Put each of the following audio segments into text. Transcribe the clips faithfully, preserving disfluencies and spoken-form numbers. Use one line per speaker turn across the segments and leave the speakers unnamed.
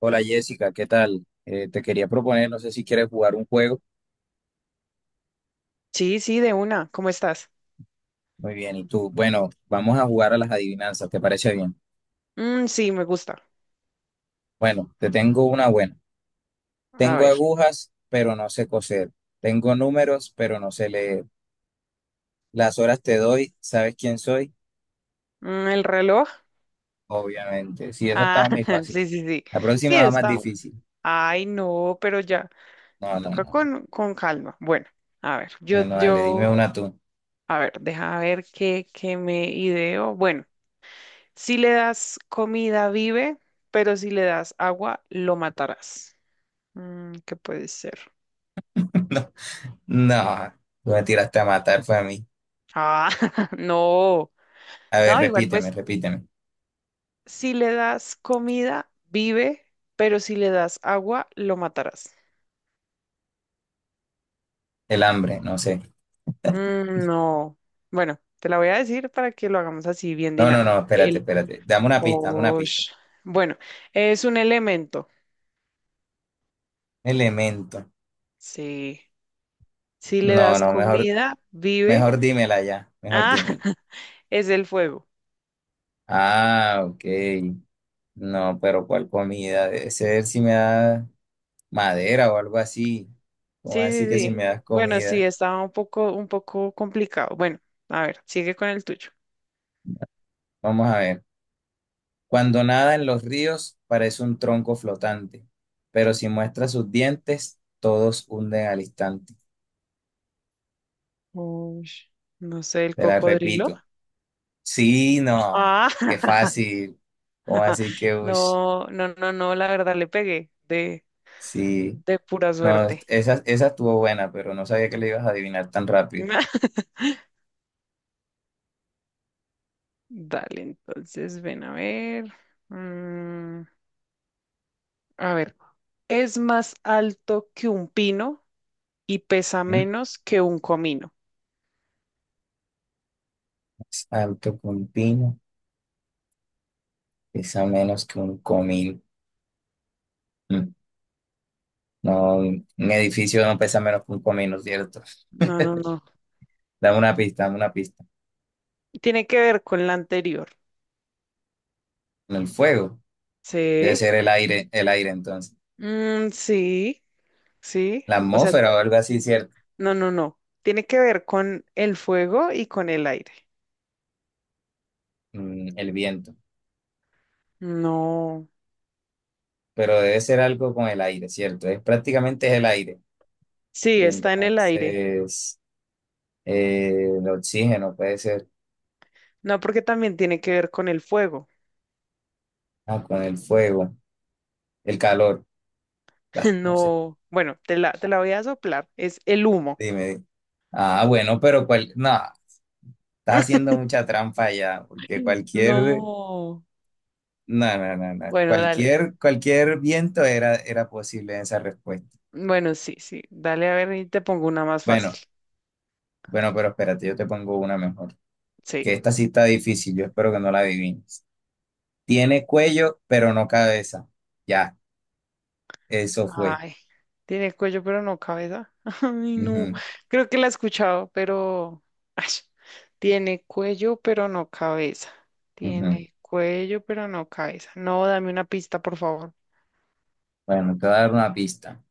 Hola Jessica, ¿qué tal? Eh, te quería proponer, no sé si quieres jugar un juego.
Sí, sí, de una. ¿Cómo estás?
Muy bien, ¿y tú? Bueno, vamos a jugar a las adivinanzas, ¿te parece bien?
Mm, sí, me gusta.
Bueno, te tengo una buena.
A
Tengo
ver.
agujas, pero no sé coser. Tengo números, pero no sé leer. Las horas te doy, ¿sabes quién soy?
Mm, ¿el reloj?
Obviamente. Sí, esa
Ah,
estaba muy fácil.
sí, sí, sí.
La próxima
Sí,
va más
está.
difícil.
Ay, no, pero ya.
No, no,
Toca
no.
con, con calma. Bueno, a ver.
No,
Yo,
no, dale, dime
yo,
una tú.
a ver, deja ver qué, qué me ideo. Bueno, si le das comida, vive, pero si le das agua, lo matarás. Mm, ¿qué puede ser?
No, no, tú me tiraste a matar, fue a mí.
Ah, no.
A ver,
No, igual
repíteme,
pues.
repíteme.
Si le das comida, vive, pero si le das agua, lo matarás.
El hambre, no sé.
Mm, no. Bueno, te la voy a decir para que lo hagamos así bien
No, no,
dinámico.
no, espérate,
El
espérate. Dame una pista, dame una pista.
Osh. Bueno, es un elemento.
Elemento.
Sí. Si le
No,
das
no, mejor,
comida, vive.
mejor dímela ya, mejor
Ah,
dímela.
es el fuego.
Ah, ok. No, pero ¿cuál comida? Debe ser si me da madera o algo así. ¿Cómo
Sí, sí,
así que si
sí.
me das
Bueno, sí,
comida?
estaba un poco, un poco complicado. Bueno, a ver, sigue con el tuyo.
Vamos a ver. Cuando nada en los ríos parece un tronco flotante, pero si muestra sus dientes, todos hunden al instante.
Ush, no sé, el
Te la
cocodrilo.
repito. Sí, no,
Ah,
qué fácil. ¿Cómo así que, ush?
no, no, no, no, la verdad le pegué de,
Sí.
de pura
No,
suerte.
esa, esa estuvo buena, pero no sabía que le ibas a adivinar tan rápido.
Dale, entonces ven a ver. Mm, a ver, es más alto que un pino y pesa
¿Mm?
menos que un comino.
Es alto que un pino, pesa menos que un comino. Mm. No, un edificio no pesa menos que un comino, ¿cierto?
No, no, no.
Dame una pista, dame una pista.
Tiene que ver con la anterior.
El fuego, debe
Sí.
ser el aire, el aire entonces.
Mm, sí, sí.
La
O sea,
atmósfera o algo así, ¿cierto?
no, no, no. Tiene que ver con el fuego y con el aire.
Mm, el viento,
No.
pero debe ser algo con el aire, ¿cierto? Es prácticamente es el aire.
Sí, está en el aire.
Entonces, eh, el oxígeno puede ser,
No, porque también tiene que ver con el fuego.
ah, con el fuego, el calor, ah, no sé.
No, bueno, te la, te la voy a soplar. Es el humo.
Dime. Ah, bueno, pero cual, no, estás haciendo mucha trampa ya, porque cualquier,
No.
no, no, no, no,
Bueno, dale.
cualquier, cualquier viento era, era posible en esa respuesta.
Bueno, sí, sí. Dale a ver y te pongo una más
Bueno,
fácil.
bueno, pero espérate, yo te pongo una mejor,
Sí.
que esta sí está difícil, yo espero que no la adivines. Tiene cuello, pero no cabeza. Ya, eso fue.
Ay, tiene cuello pero no cabeza. Ay, no.
Ujú,
Creo que la he escuchado, pero. Ay, tiene cuello pero no cabeza.
ujú.
Tiene cuello pero no cabeza. No, dame una pista, por favor.
Bueno, te voy a dar una pista.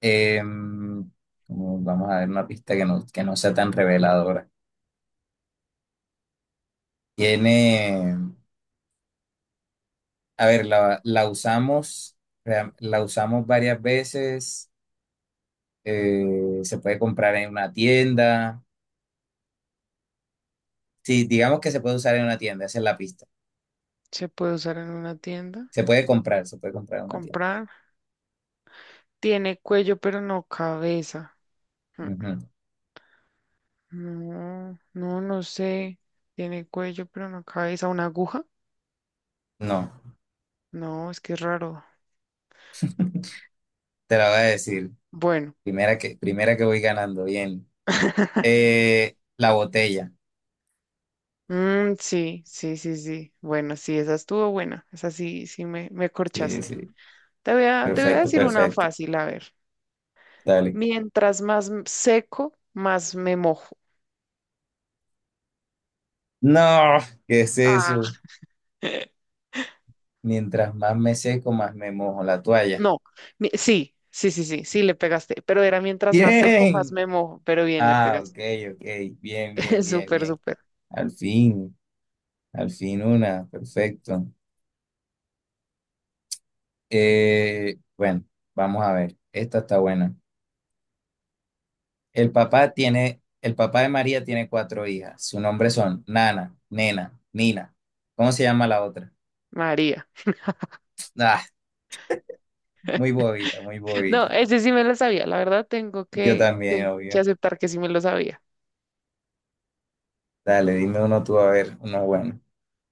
Em, Como vamos a dar una pista que no, que no sea tan reveladora. Tiene a ver, la, la usamos, rea- la usamos varias veces, eh, se puede comprar en una tienda. Sí, digamos que se puede usar en una tienda, esa es la pista.
¿Se puede usar en una tienda?
Se puede comprar, se puede comprar en una tienda.
¿Comprar? Tiene cuello, pero no cabeza. Mm.
Ujú.
No, no, no sé. Tiene cuello, pero no cabeza. ¿Una aguja?
No,
No, es que es raro.
te la voy a decir.
Bueno.
Primera que, primera que voy ganando, bien. Eh, la botella.
Mm, sí, sí, sí, sí. Bueno, sí, esa estuvo buena. Esa sí, sí me, me
Sí,
corchaste.
sí,
Te voy a, te voy a
perfecto,
decir una
perfecto.
fácil, a ver.
Dale.
Mientras más m- seco, más me mojo.
No, ¿qué es
Ah,
eso? Mientras más me seco, más me mojo la toalla.
no, mi- sí, sí, sí, sí, sí, le pegaste. Pero era mientras más seco, más
Bien.
me mojo. Pero bien, le
Ah, ok,
pegaste.
ok. Bien, bien, bien,
Súper,
bien.
súper.
Al fin, al fin una. Perfecto. Eh, bueno, vamos a ver. Esta está buena. El papá tiene, el papá de María tiene cuatro hijas. Sus nombres son Nana, Nena, Nina. ¿Cómo se llama la otra?
María.
Ah, muy bobita, muy
No,
bobita.
ese sí me lo sabía. La verdad tengo
Yo
que,
también,
que- que
obvio.
aceptar que sí me lo sabía.
Dale, dime uno tú a ver, uno bueno.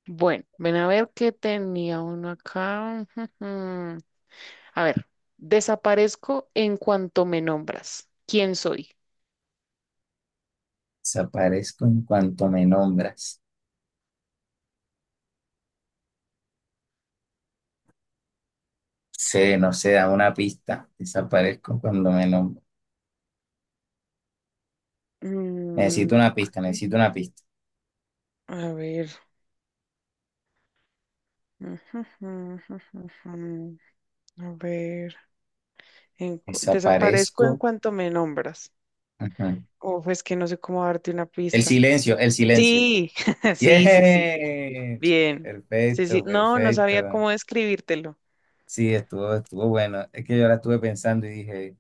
Bueno, ven a ver qué tenía uno acá. Ujujú. A ver, desaparezco en cuanto me nombras. ¿Quién soy?
Desaparezco en cuanto me nombras. Sé, no sé, da una pista. Desaparezco cuando me nombras.
Mm,
Necesito una
ok.
pista, necesito una pista.
A ver. Ujujú, ujujujú. A ver. En cu- desaparezco en
Desaparezco.
cuanto me nombras.
Ajá.
O es que no sé cómo darte una
El
pista.
silencio, el silencio.
Sí, sí, sí, sí.
¡Yeah!
Bien. Sí, sí.
Perfecto,
No, no
perfecto.
sabía cómo describírtelo.
Sí, estuvo, estuvo bueno. Es que yo la estuve pensando y dije,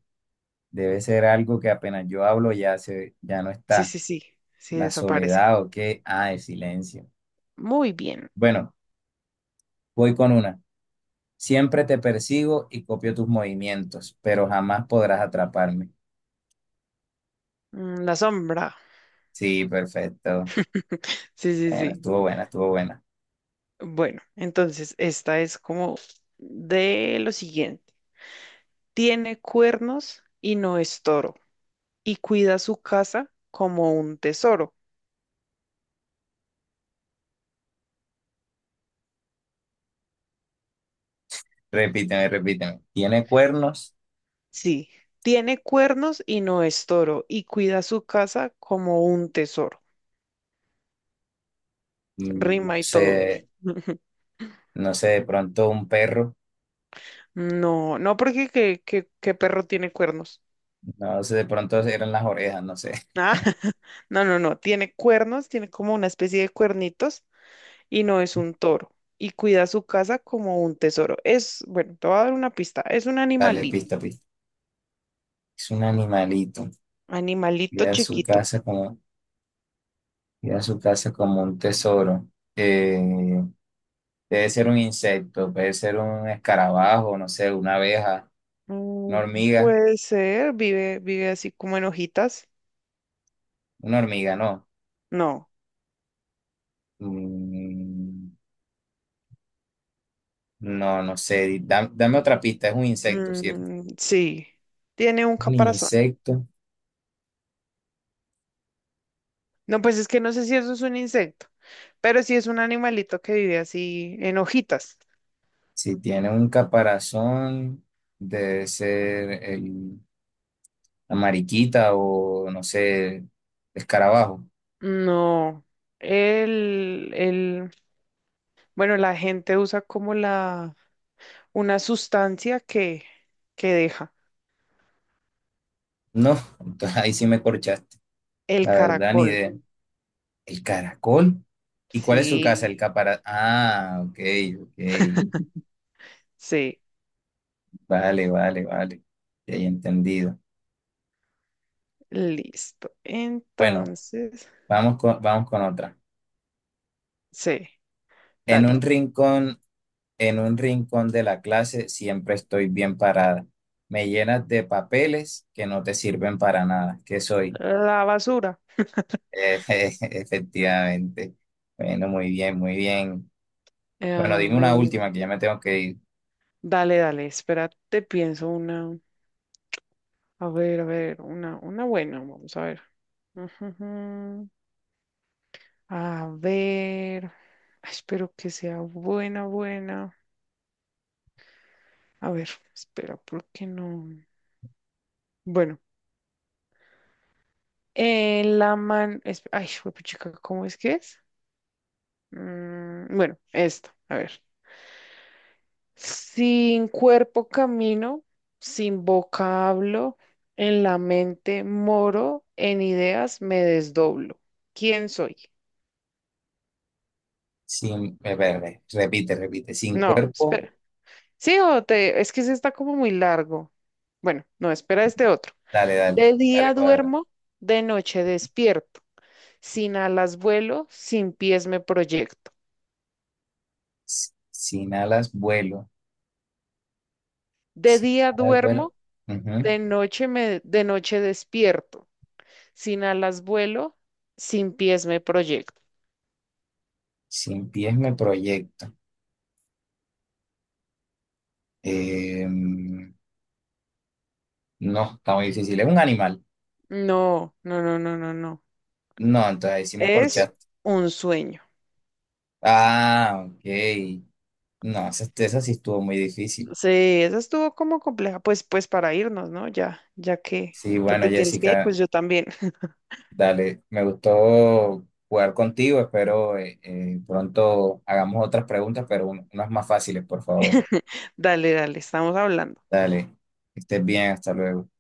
debe ser algo que apenas yo hablo ya se, ya no
Sí,
está.
sí, sí. Sí,
La
desaparece.
soledad o qué. Ah, el silencio.
Muy bien.
Bueno, voy con una. Siempre te persigo y copio tus movimientos, pero jamás podrás atraparme.
Mm, La sombra.
Sí, perfecto.
Sí, sí,
Bueno,
sí.
estuvo buena, estuvo buena.
Bueno, entonces esta es como de lo siguiente. Tiene cuernos y no es toro, y cuida su casa como un tesoro.
Repíteme, repíteme. ¿Tiene cuernos?
Sí, tiene cuernos y no es toro, y cuida su casa como un tesoro.
Mm, no
Rima y
sé,
todo.
no sé, de pronto un perro.
No, no porque que, que, que perro tiene cuernos.
No sé, de pronto eran las orejas, no sé.
Ah, no, no, no, tiene cuernos, tiene como una especie de cuernitos y no es un toro. Y cuida su casa como un tesoro. Es, bueno, te voy a dar una pista, es un
Dale,
animalito,
pista, pista. Es un animalito.
animalito
Cuida su
chiquito.
casa como, cuida su casa como un tesoro. Eh, Debe ser un insecto, puede ser un escarabajo, no sé, una abeja, una
Mm,
hormiga.
puede ser, vive, vive así como en hojitas.
Una hormiga, no.
No,
Mm, no, no sé. Dam- dame otra pista, es un insecto, ¿cierto?
mm, sí, tiene un
Un
caparazón.
insecto.
No, pues es que no sé si eso es un insecto, pero sí es un animalito que vive así en hojitas.
Si tiene un caparazón, debe ser el, la mariquita o, no sé, escarabajo.
No, el, el, bueno, la gente usa como la, una sustancia que, que deja
No, entonces ahí sí me corchaste.
el
La verdad, ni
caracol.
idea. ¿El caracol? ¿Y cuál es su
Sí,
casa? El caparazón. Ah, ok, ok.
sí,
Vale, vale, vale. Ya he entendido.
listo.
Bueno,
Entonces,
vamos con, vamos con otra.
sí,
En
dale.
un rincón En un rincón de la clase siempre estoy bien parada. Me llenas de papeles que no te sirven para nada. ¿Qué soy?
La basura.
Efectivamente. Bueno, muy bien, muy bien.
A
Bueno, dime una
ver,
última que ya me tengo que ir.
dale, dale, espérate, pienso una. A ver, a ver, una, una buena, vamos a ver. Ujujú. A ver, ay, espero que sea buena, buena. A ver, espera, ¿por qué no? Bueno. Eh, la man... esp- Ay, chica, ¿cómo es que es? Mm, bueno, esto, a ver. Sin cuerpo camino, sin boca hablo, en la mente moro, en ideas me desdoblo. ¿Quién soy?
Sin, eh, espérate, repite, repite. Sin
No,
cuerpo,
espera. Sí, o te... es que ese está como muy largo. Bueno, no, espera este otro.
dale, dale,
De
dale.
día
Pues.
duermo, de noche despierto. Sin alas vuelo, sin pies me proyecto.
S- Sin alas vuelo.
De
Sin
día
alas vuelo.
duermo.
Ujú.
De noche me, de noche despierto, sin alas vuelo, sin pies me proyecto.
Sin pies me proyecto. Em, no, está muy difícil. Es un animal.
No, no, no, no, no, no.
No, entonces ahí sí me
Es
corchaste.
un sueño.
Ah, ok. No, esa, esa sí estuvo muy difícil.
Sí, esa estuvo como compleja. Pues, pues para irnos, ¿no? Ya, ya que,
Sí,
que
bueno,
te tienes que ir,
Jessica,
pues yo también.
dale, me gustó jugar contigo. Espero eh, eh, pronto hagamos otras preguntas, pero un- unas más fáciles, por favor.
Dale, dale, estamos hablando.
Dale, que estés bien, hasta luego.